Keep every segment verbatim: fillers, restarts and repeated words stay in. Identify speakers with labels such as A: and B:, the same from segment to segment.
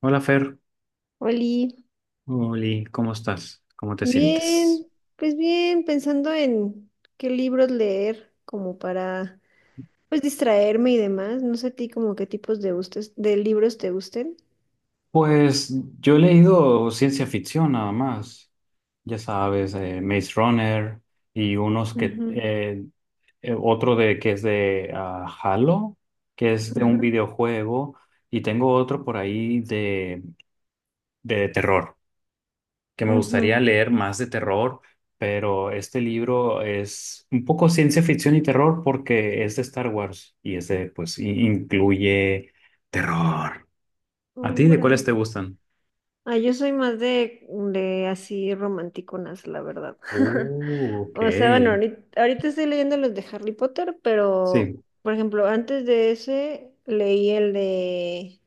A: Hola Fer,
B: Oli,
A: Oli, ¿cómo estás? ¿Cómo te sientes?
B: bien, pues bien, pensando en qué libros leer como para pues distraerme y demás. No sé a ti como qué tipos de gustes, de libros te gusten.
A: Pues yo he leído ciencia ficción nada más, ya sabes, eh, Maze Runner y unos que,
B: Ujú,
A: eh, eh, otro de que es de ah, Halo, que es de un
B: ujú.
A: videojuego, y tengo otro por ahí de, de terror. Que me gustaría
B: Ujú.
A: leer más de terror, pero este libro es un poco ciencia ficción y terror porque es de Star Wars y es de, pues, i- incluye terror. ¿A ti
B: Oh,
A: de cuáles
B: órale.
A: te gustan?
B: Ah, yo soy más de, de así romanticonas, la verdad.
A: Uh, ok.
B: O sea, bueno, ahorita, ahorita estoy leyendo los de Harry Potter, pero
A: Sí,
B: por ejemplo, antes de ese leí el de...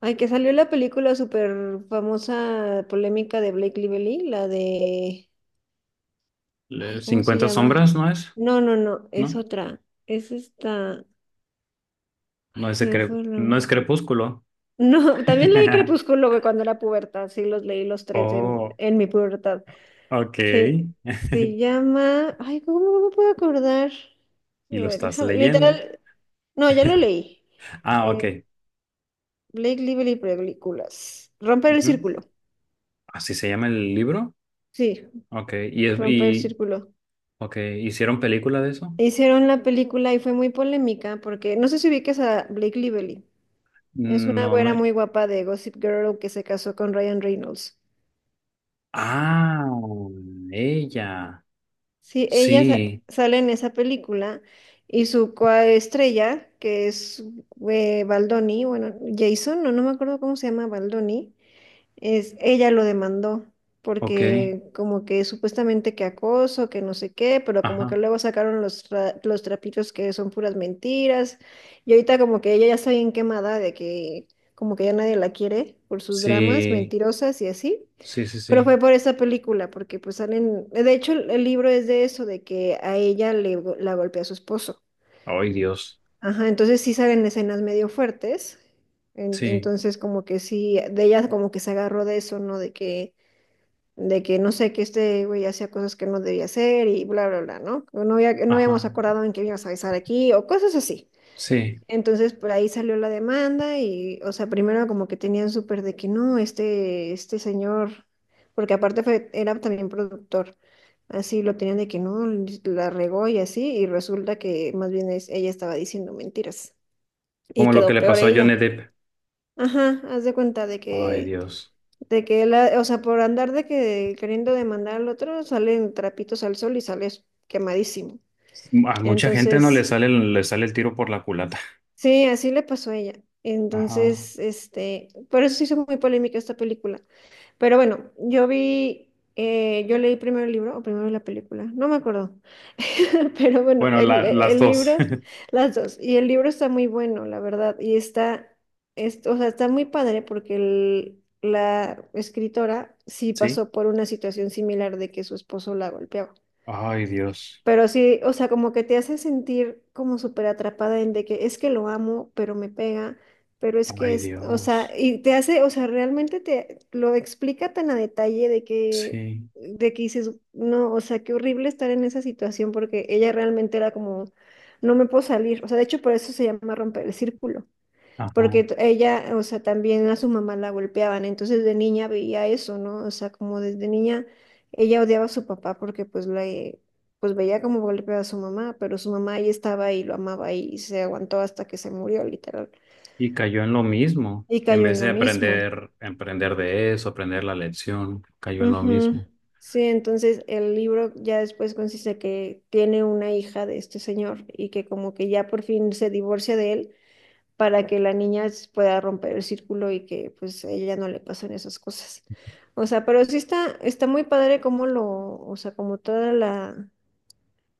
B: Ay, que salió la película súper famosa, polémica de Blake Lively, la de... Ay,
A: le-
B: ¿cómo se
A: cincuenta
B: llama?
A: sombras, ¿no es?
B: No, no, no, es
A: ¿No?
B: otra. Es esta...
A: No
B: Ay,
A: es
B: se
A: de
B: me
A: cre-
B: fue el
A: no
B: nombre.
A: es Crepúsculo.
B: No, también leí Crepúsculo güey, cuando era pubertad, sí, los leí los tres en,
A: Oh,
B: en mi pubertad.
A: ok.
B: Sí, se llama... Ay, ¿cómo no me puedo acordar? A
A: Y lo
B: ver,
A: estás
B: déjame...
A: leyendo.
B: Literal... No, ya lo leí.
A: Ah,
B: Eh,
A: ok.
B: Blake Lively películas. Romper el
A: Ujú.
B: círculo.
A: ¿Así se llama el libro?
B: Sí,
A: Ok. ¿Y, es-
B: romper el
A: y,
B: círculo.
A: Ok, ¿hicieron película de eso?
B: Hicieron la película y fue muy polémica porque no sé si ubiques a Blake Lively. Es una
A: No
B: güera
A: me...
B: muy guapa de Gossip Girl que se casó con Ryan Reynolds.
A: Ah, ella.
B: Sí, ella sa-
A: Sí,
B: sale en esa película y su coestrella, que es eh, Baldoni, bueno, Jason, no, no me acuerdo cómo se llama Baldoni. Es, ella lo demandó
A: ok.
B: porque como que supuestamente que acoso, que no sé qué, pero como que
A: Ajá.
B: luego sacaron los, tra- los trapitos que son puras mentiras. Y ahorita como que ella ya está bien quemada de que como que ya nadie la quiere por sus dramas
A: Sí,
B: mentirosas y así.
A: sí, sí,
B: Pero
A: sí.
B: fue por esa película, porque pues salen, de hecho el, el libro es de eso, de que a ella le, go- la golpea su esposo.
A: Ay, Dios.
B: Ajá, entonces sí salen escenas medio fuertes. En-
A: Sí,
B: entonces como que sí, de ella como que se agarró de eso, ¿no? De que de que no sé, que este güey hacía cosas que no debía hacer y bla, bla, bla, ¿no? Que no había, no habíamos
A: ajá.
B: acordado en que ibas a avisar aquí o cosas así.
A: Sí,
B: Entonces, por ahí salió la demanda y, o sea, primero como que tenían súper de que no, este, este señor, porque aparte fue- era también productor, así lo tenían de que no, la regó y así, y resulta que más bien es, ella estaba diciendo mentiras y
A: como lo que
B: quedó
A: le
B: peor
A: pasó a Johnny
B: ella.
A: Depp.
B: Ajá, haz de cuenta de
A: Ay,
B: que
A: Dios.
B: de que la, o sea, por andar de que queriendo demandar al otro, salen trapitos al sol y sales quemadísimo.
A: A mucha gente no le
B: Entonces,
A: sale, le sale el tiro por la culata.
B: sí, así le pasó a ella.
A: Ajá.
B: Entonces, este, por eso se hizo muy polémica esta película. Pero bueno, yo vi, eh, yo leí primero el libro o primero la película, no me acuerdo. Pero bueno,
A: Bueno,
B: el,
A: la- las
B: el
A: dos.
B: libro, las dos. Y el libro está muy bueno, la verdad. Y está, es- o sea, está muy padre porque el- la escritora sí
A: Sí.
B: pasó por una situación similar de que su esposo la golpeaba.
A: Ay, Dios.
B: Pero sí, o sea, como que te hace sentir como súper atrapada en de que es que lo amo, pero me pega, pero es que
A: Ay,
B: es, o sea,
A: Dios.
B: y te hace, o sea, realmente te lo explica tan a detalle de que,
A: Sí.
B: de que dices, no, o sea, qué horrible estar en esa situación porque ella realmente era como, no me puedo salir, o sea, de hecho por eso se llama romper el círculo
A: Ajá.
B: porque t- ella, o sea, también a su mamá la golpeaban, entonces de niña veía eso, ¿no? O sea, como desde niña ella odiaba a su papá porque pues la, eh, pues veía cómo golpeaba a su mamá, pero su mamá ahí estaba y lo amaba y se aguantó hasta que se murió, literal,
A: Y cayó en lo mismo.
B: y
A: En
B: cayó en
A: vez
B: lo
A: de
B: mismo.
A: aprender, aprender de eso, aprender la lección, cayó en lo mismo.
B: Ujú. Sí, entonces el libro ya después consiste que tiene una hija de este señor y que como que ya por fin se divorcia de él para que la niña s- pueda romper el círculo y que pues a ella no le pasen esas cosas. O sea, pero sí está, está muy padre como lo, o sea, como toda la,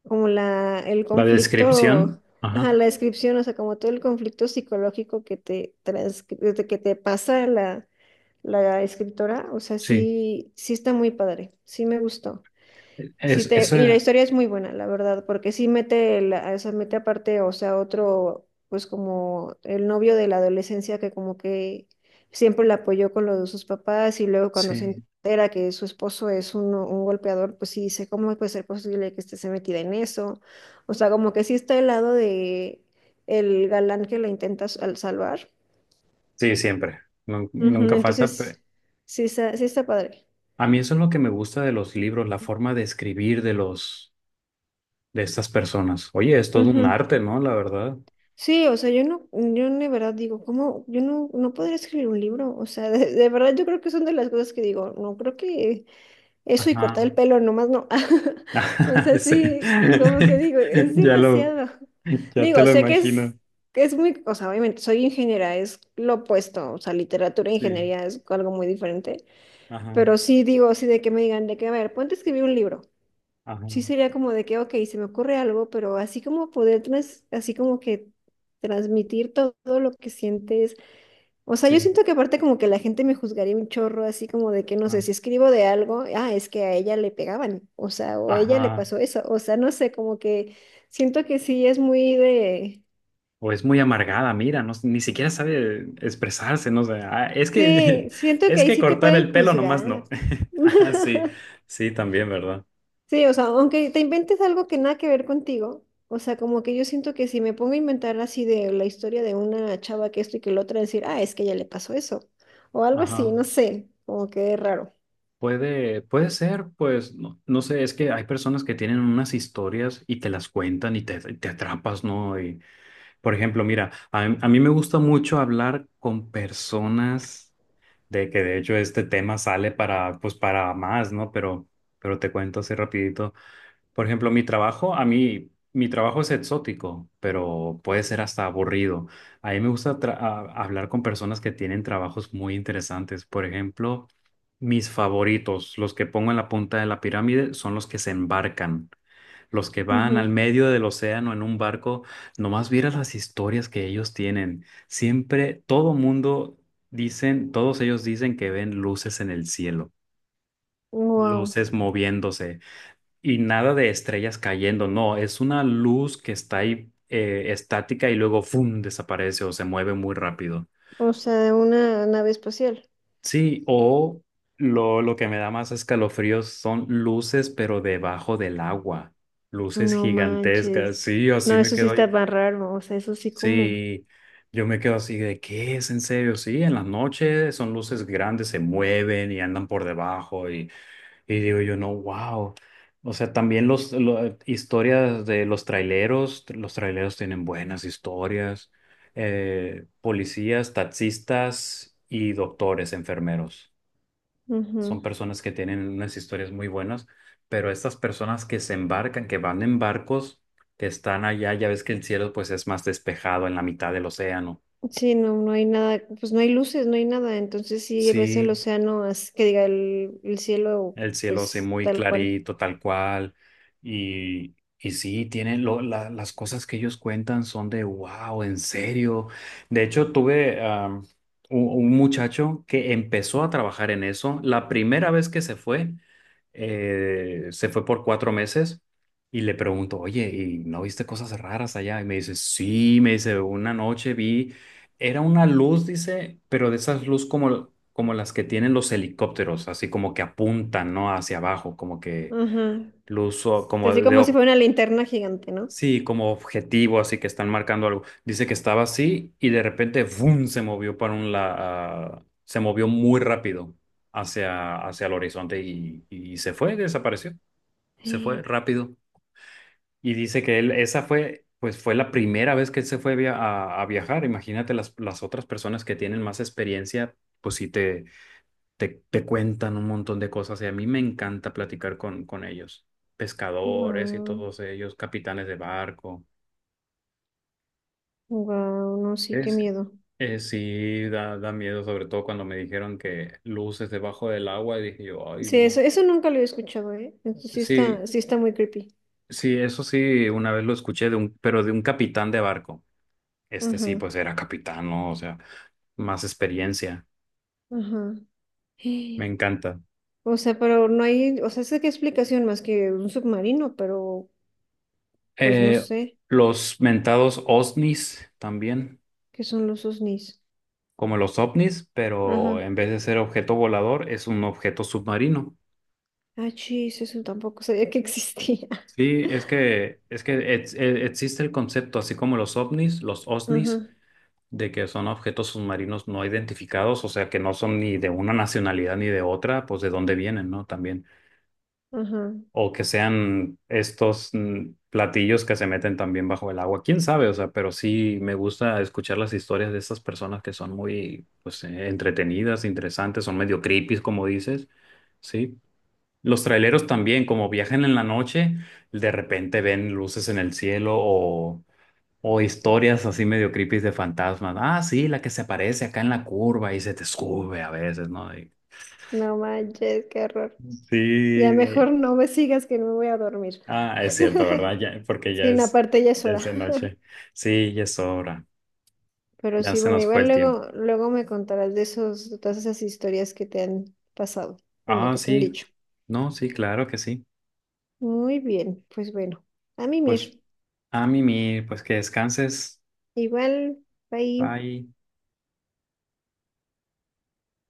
B: como la, el
A: La
B: conflicto,
A: descripción,
B: ajá,
A: ajá,
B: la descripción, o sea, como todo el conflicto psicológico que te transcri- que te pasa la, la escritora, o sea,
A: sí.
B: sí, sí está muy padre, sí me gustó. Sí
A: Es,
B: te,
A: eso,
B: y la historia es muy buena, la verdad, porque sí mete, la, se mete aparte, o sea, otro, pues como el novio de la adolescencia que como que siempre la apoyó con lo de sus papás y luego cuando se
A: sí.
B: entera que su esposo es un, un golpeador, pues sí dice, ¿cómo puede ser posible que esté metida en eso? O sea, como que sí está al lado de el galán que la intenta s- al salvar.
A: Sí, siempre. Nun-
B: Ujú,
A: nunca falta. pe-
B: entonces, sí, está- sí está padre.
A: A mí eso es lo que me gusta de los libros, la forma de escribir de los, de estas personas. Oye, es todo un arte, ¿no? La verdad.
B: Sí, o sea, yo no, yo de verdad digo, ¿cómo? Yo no, no podría escribir un libro, o sea, de, de verdad yo creo que son de las cosas que digo, no creo que eso y cortar
A: Ajá.
B: el pelo nomás no, o sea,
A: Sí.
B: sí, como que digo, es
A: Ya lo,
B: demasiado,
A: ya te
B: digo,
A: lo
B: sé que
A: imagino.
B: es, que es muy, o sea, obviamente soy ingeniera, es lo opuesto, o sea, literatura e
A: Sí.
B: ingeniería es algo muy diferente,
A: Ajá.
B: pero sí digo, sí de que me digan, de que, a ver, ponte a escribir un libro
A: Ajá.
B: sí sería como de que, ok, se me ocurre algo, pero así como poder, trans- así como que transmitir to- todo, lo que sientes. O sea, yo
A: Sí.
B: siento que aparte como que la gente me juzgaría un chorro, así como de que, no
A: ah,
B: sé, si escribo de algo, ah, es que a ella le pegaban, o sea, o a ella le
A: Ajá.
B: pasó eso, o sea, no sé, como que siento que sí es muy de...
A: O es muy amargada, mira, no, ni siquiera sabe expresarse, no sé. Ah, es
B: Sí,
A: que,
B: siento que
A: es
B: ahí
A: que
B: sí te
A: cortar
B: pueden
A: el pelo nomás
B: juzgar.
A: no. Ah, sí, sí, también, ¿verdad?
B: Sí, o sea, aunque te inventes algo que nada que ver contigo, o sea, como que yo siento que si me pongo a inventar así de la historia de una chava que esto y que lo otra, decir, ah, es que ya le pasó eso, o algo así,
A: Ajá.
B: no sé, como que es raro.
A: Puede, puede ser, pues, no, no sé, es que hay personas que tienen unas historias y te las cuentan y te, te atrapas, ¿no? Y, por ejemplo, mira, a, a mí me gusta mucho hablar con personas de que de hecho este tema sale para, pues, para más, ¿no? Pero, pero te cuento así rapidito. Por ejemplo, mi trabajo, a mí, mi trabajo es exótico, pero puede ser hasta aburrido. A mí me gusta tra- a- hablar con personas que tienen trabajos muy interesantes. Por ejemplo, mis favoritos, los que pongo en la punta de la pirámide, son los que se embarcan, los que van al medio del océano en un barco. Nomás vieras las historias que ellos tienen. Siempre, todo mundo dicen, todos ellos dicen que ven luces en el cielo,
B: Wow.
A: luces moviéndose. Y nada de estrellas cayendo, no, es una luz que está ahí eh, estática y luego ¡fum! Desaparece o se mueve muy rápido.
B: O sea, una nave espacial.
A: Sí, o lo, lo que me da más escalofríos son luces, pero debajo del agua. Luces
B: No
A: gigantescas,
B: manches.
A: sí,
B: No,
A: así me
B: eso sí
A: quedo.
B: está más raro, o sea, eso sí como.
A: Sí, yo me quedo así de ¿qué es en serio? Sí, en las noches son luces grandes, se mueven y andan por debajo. Y digo yo, no, wow. O sea, también los, lo- historias de los traileros, los traileros tienen buenas historias, eh, policías, taxistas y doctores, enfermeros.
B: Ujú.
A: Son personas que tienen unas historias muy buenas, pero estas personas que se embarcan, que van en barcos, que están allá, ya ves que el cielo pues es más despejado en la mitad del océano.
B: Sí, no, no hay nada, pues no hay luces, no hay nada, entonces sí ves el
A: Sí,
B: océano, as- que diga el, el cielo,
A: El cielo sí,
B: pues
A: muy
B: tal cual.
A: clarito, tal cual. Y, y sí, tienen lo- la- las cosas que ellos cuentan son de wow, en serio. De hecho, tuve am, un, un muchacho que empezó a trabajar en eso. La primera vez que se fue, eh, se fue por cuatro meses y le pregunto, oye, ¿y no viste cosas raras allá? Y me dice, sí, me dice, una noche vi. Era una luz, dice, pero de esas luz como, como las que tienen los helicópteros, así como que apuntan, ¿no? Hacia abajo, como que
B: Ajá.
A: luz o- como
B: Así
A: de,
B: como si
A: ob-
B: fuera una linterna gigante, ¿no?
A: sí, como objetivo, así que están marcando algo. Dice que estaba así y de repente, ¡vum! Se movió para un lado, se movió muy rápido hacia, hacia el horizonte y, y se fue, desapareció, se fue rápido. Y dice que él, esa fue, pues fue la primera vez que él se fue via- a, a viajar. Imagínate las, las otras personas que tienen más experiencia, pues sí te, te, te cuentan un montón de cosas. Y a mí me encanta platicar con, con ellos, pescadores y
B: Wow,
A: todos ellos, capitanes de barco.
B: wow, no, sí, qué
A: Es,
B: miedo.
A: es sí, da, da miedo, sobre todo cuando me dijeron que luces debajo del agua, y dije yo, ay,
B: Sí, eso,
A: no.
B: eso nunca lo he escuchado, ¿eh? Entonces sí
A: Sí,
B: está, sí está muy creepy.
A: sí, eso sí, una vez lo escuché de un, pero de un capitán de barco. Este sí,
B: Ajá,
A: pues era capitán, ¿no? O sea, más experiencia.
B: ajá.
A: Me
B: Eh,
A: encanta.
B: O sea, pero no hay, o sea, sé qué explicación más que un submarino, pero pues no
A: Eh,
B: sé
A: los mentados OSNIs también,
B: qué son los OSNIs.
A: como los OVNIs,
B: Ajá.
A: pero en vez de ser objeto volador, es un objeto submarino.
B: Ah, chis, eso tampoco sabía que existía.
A: Sí, es que, es que ex- eh, existe el concepto, así como los OVNIs, los OSNIs,
B: Ajá,
A: de que son objetos submarinos no identificados, o sea, que no son ni de una nacionalidad ni de otra, pues de dónde vienen, ¿no? También.
B: ajá.
A: O que sean estos mm, platillos que se meten también bajo el agua. ¿Quién sabe? O sea, pero sí me gusta escuchar las historias de estas personas que son muy, pues, eh, entretenidas, interesantes, son medio creepy, como dices, ¿sí? Los traileros también, como viajan en la noche, de repente ven luces en el cielo o, o historias así medio creepy de fantasmas. Ah, sí, la que se aparece acá en la curva y se te sube a veces, ¿no? Y-
B: No manches, qué horror. Ya
A: Sí,
B: mejor no me sigas que no me voy a dormir.
A: ah, es cierto, ¿verdad? Ya, porque ya
B: Sí, no,
A: es,
B: aparte ya es
A: ya
B: hora.
A: es de noche. Sí, ya es hora.
B: Pero
A: Ya
B: sí,
A: se
B: bueno,
A: nos fue
B: igual
A: el tiempo.
B: luego, luego me contarás de esos, de todas esas historias que te han pasado. Bueno,
A: Ah,
B: que te han
A: sí.
B: dicho.
A: No, sí, claro que sí.
B: Muy bien, pues bueno, a
A: Pues
B: mimir.
A: a mimir, pues que descanses.
B: Igual, bye.
A: Bye.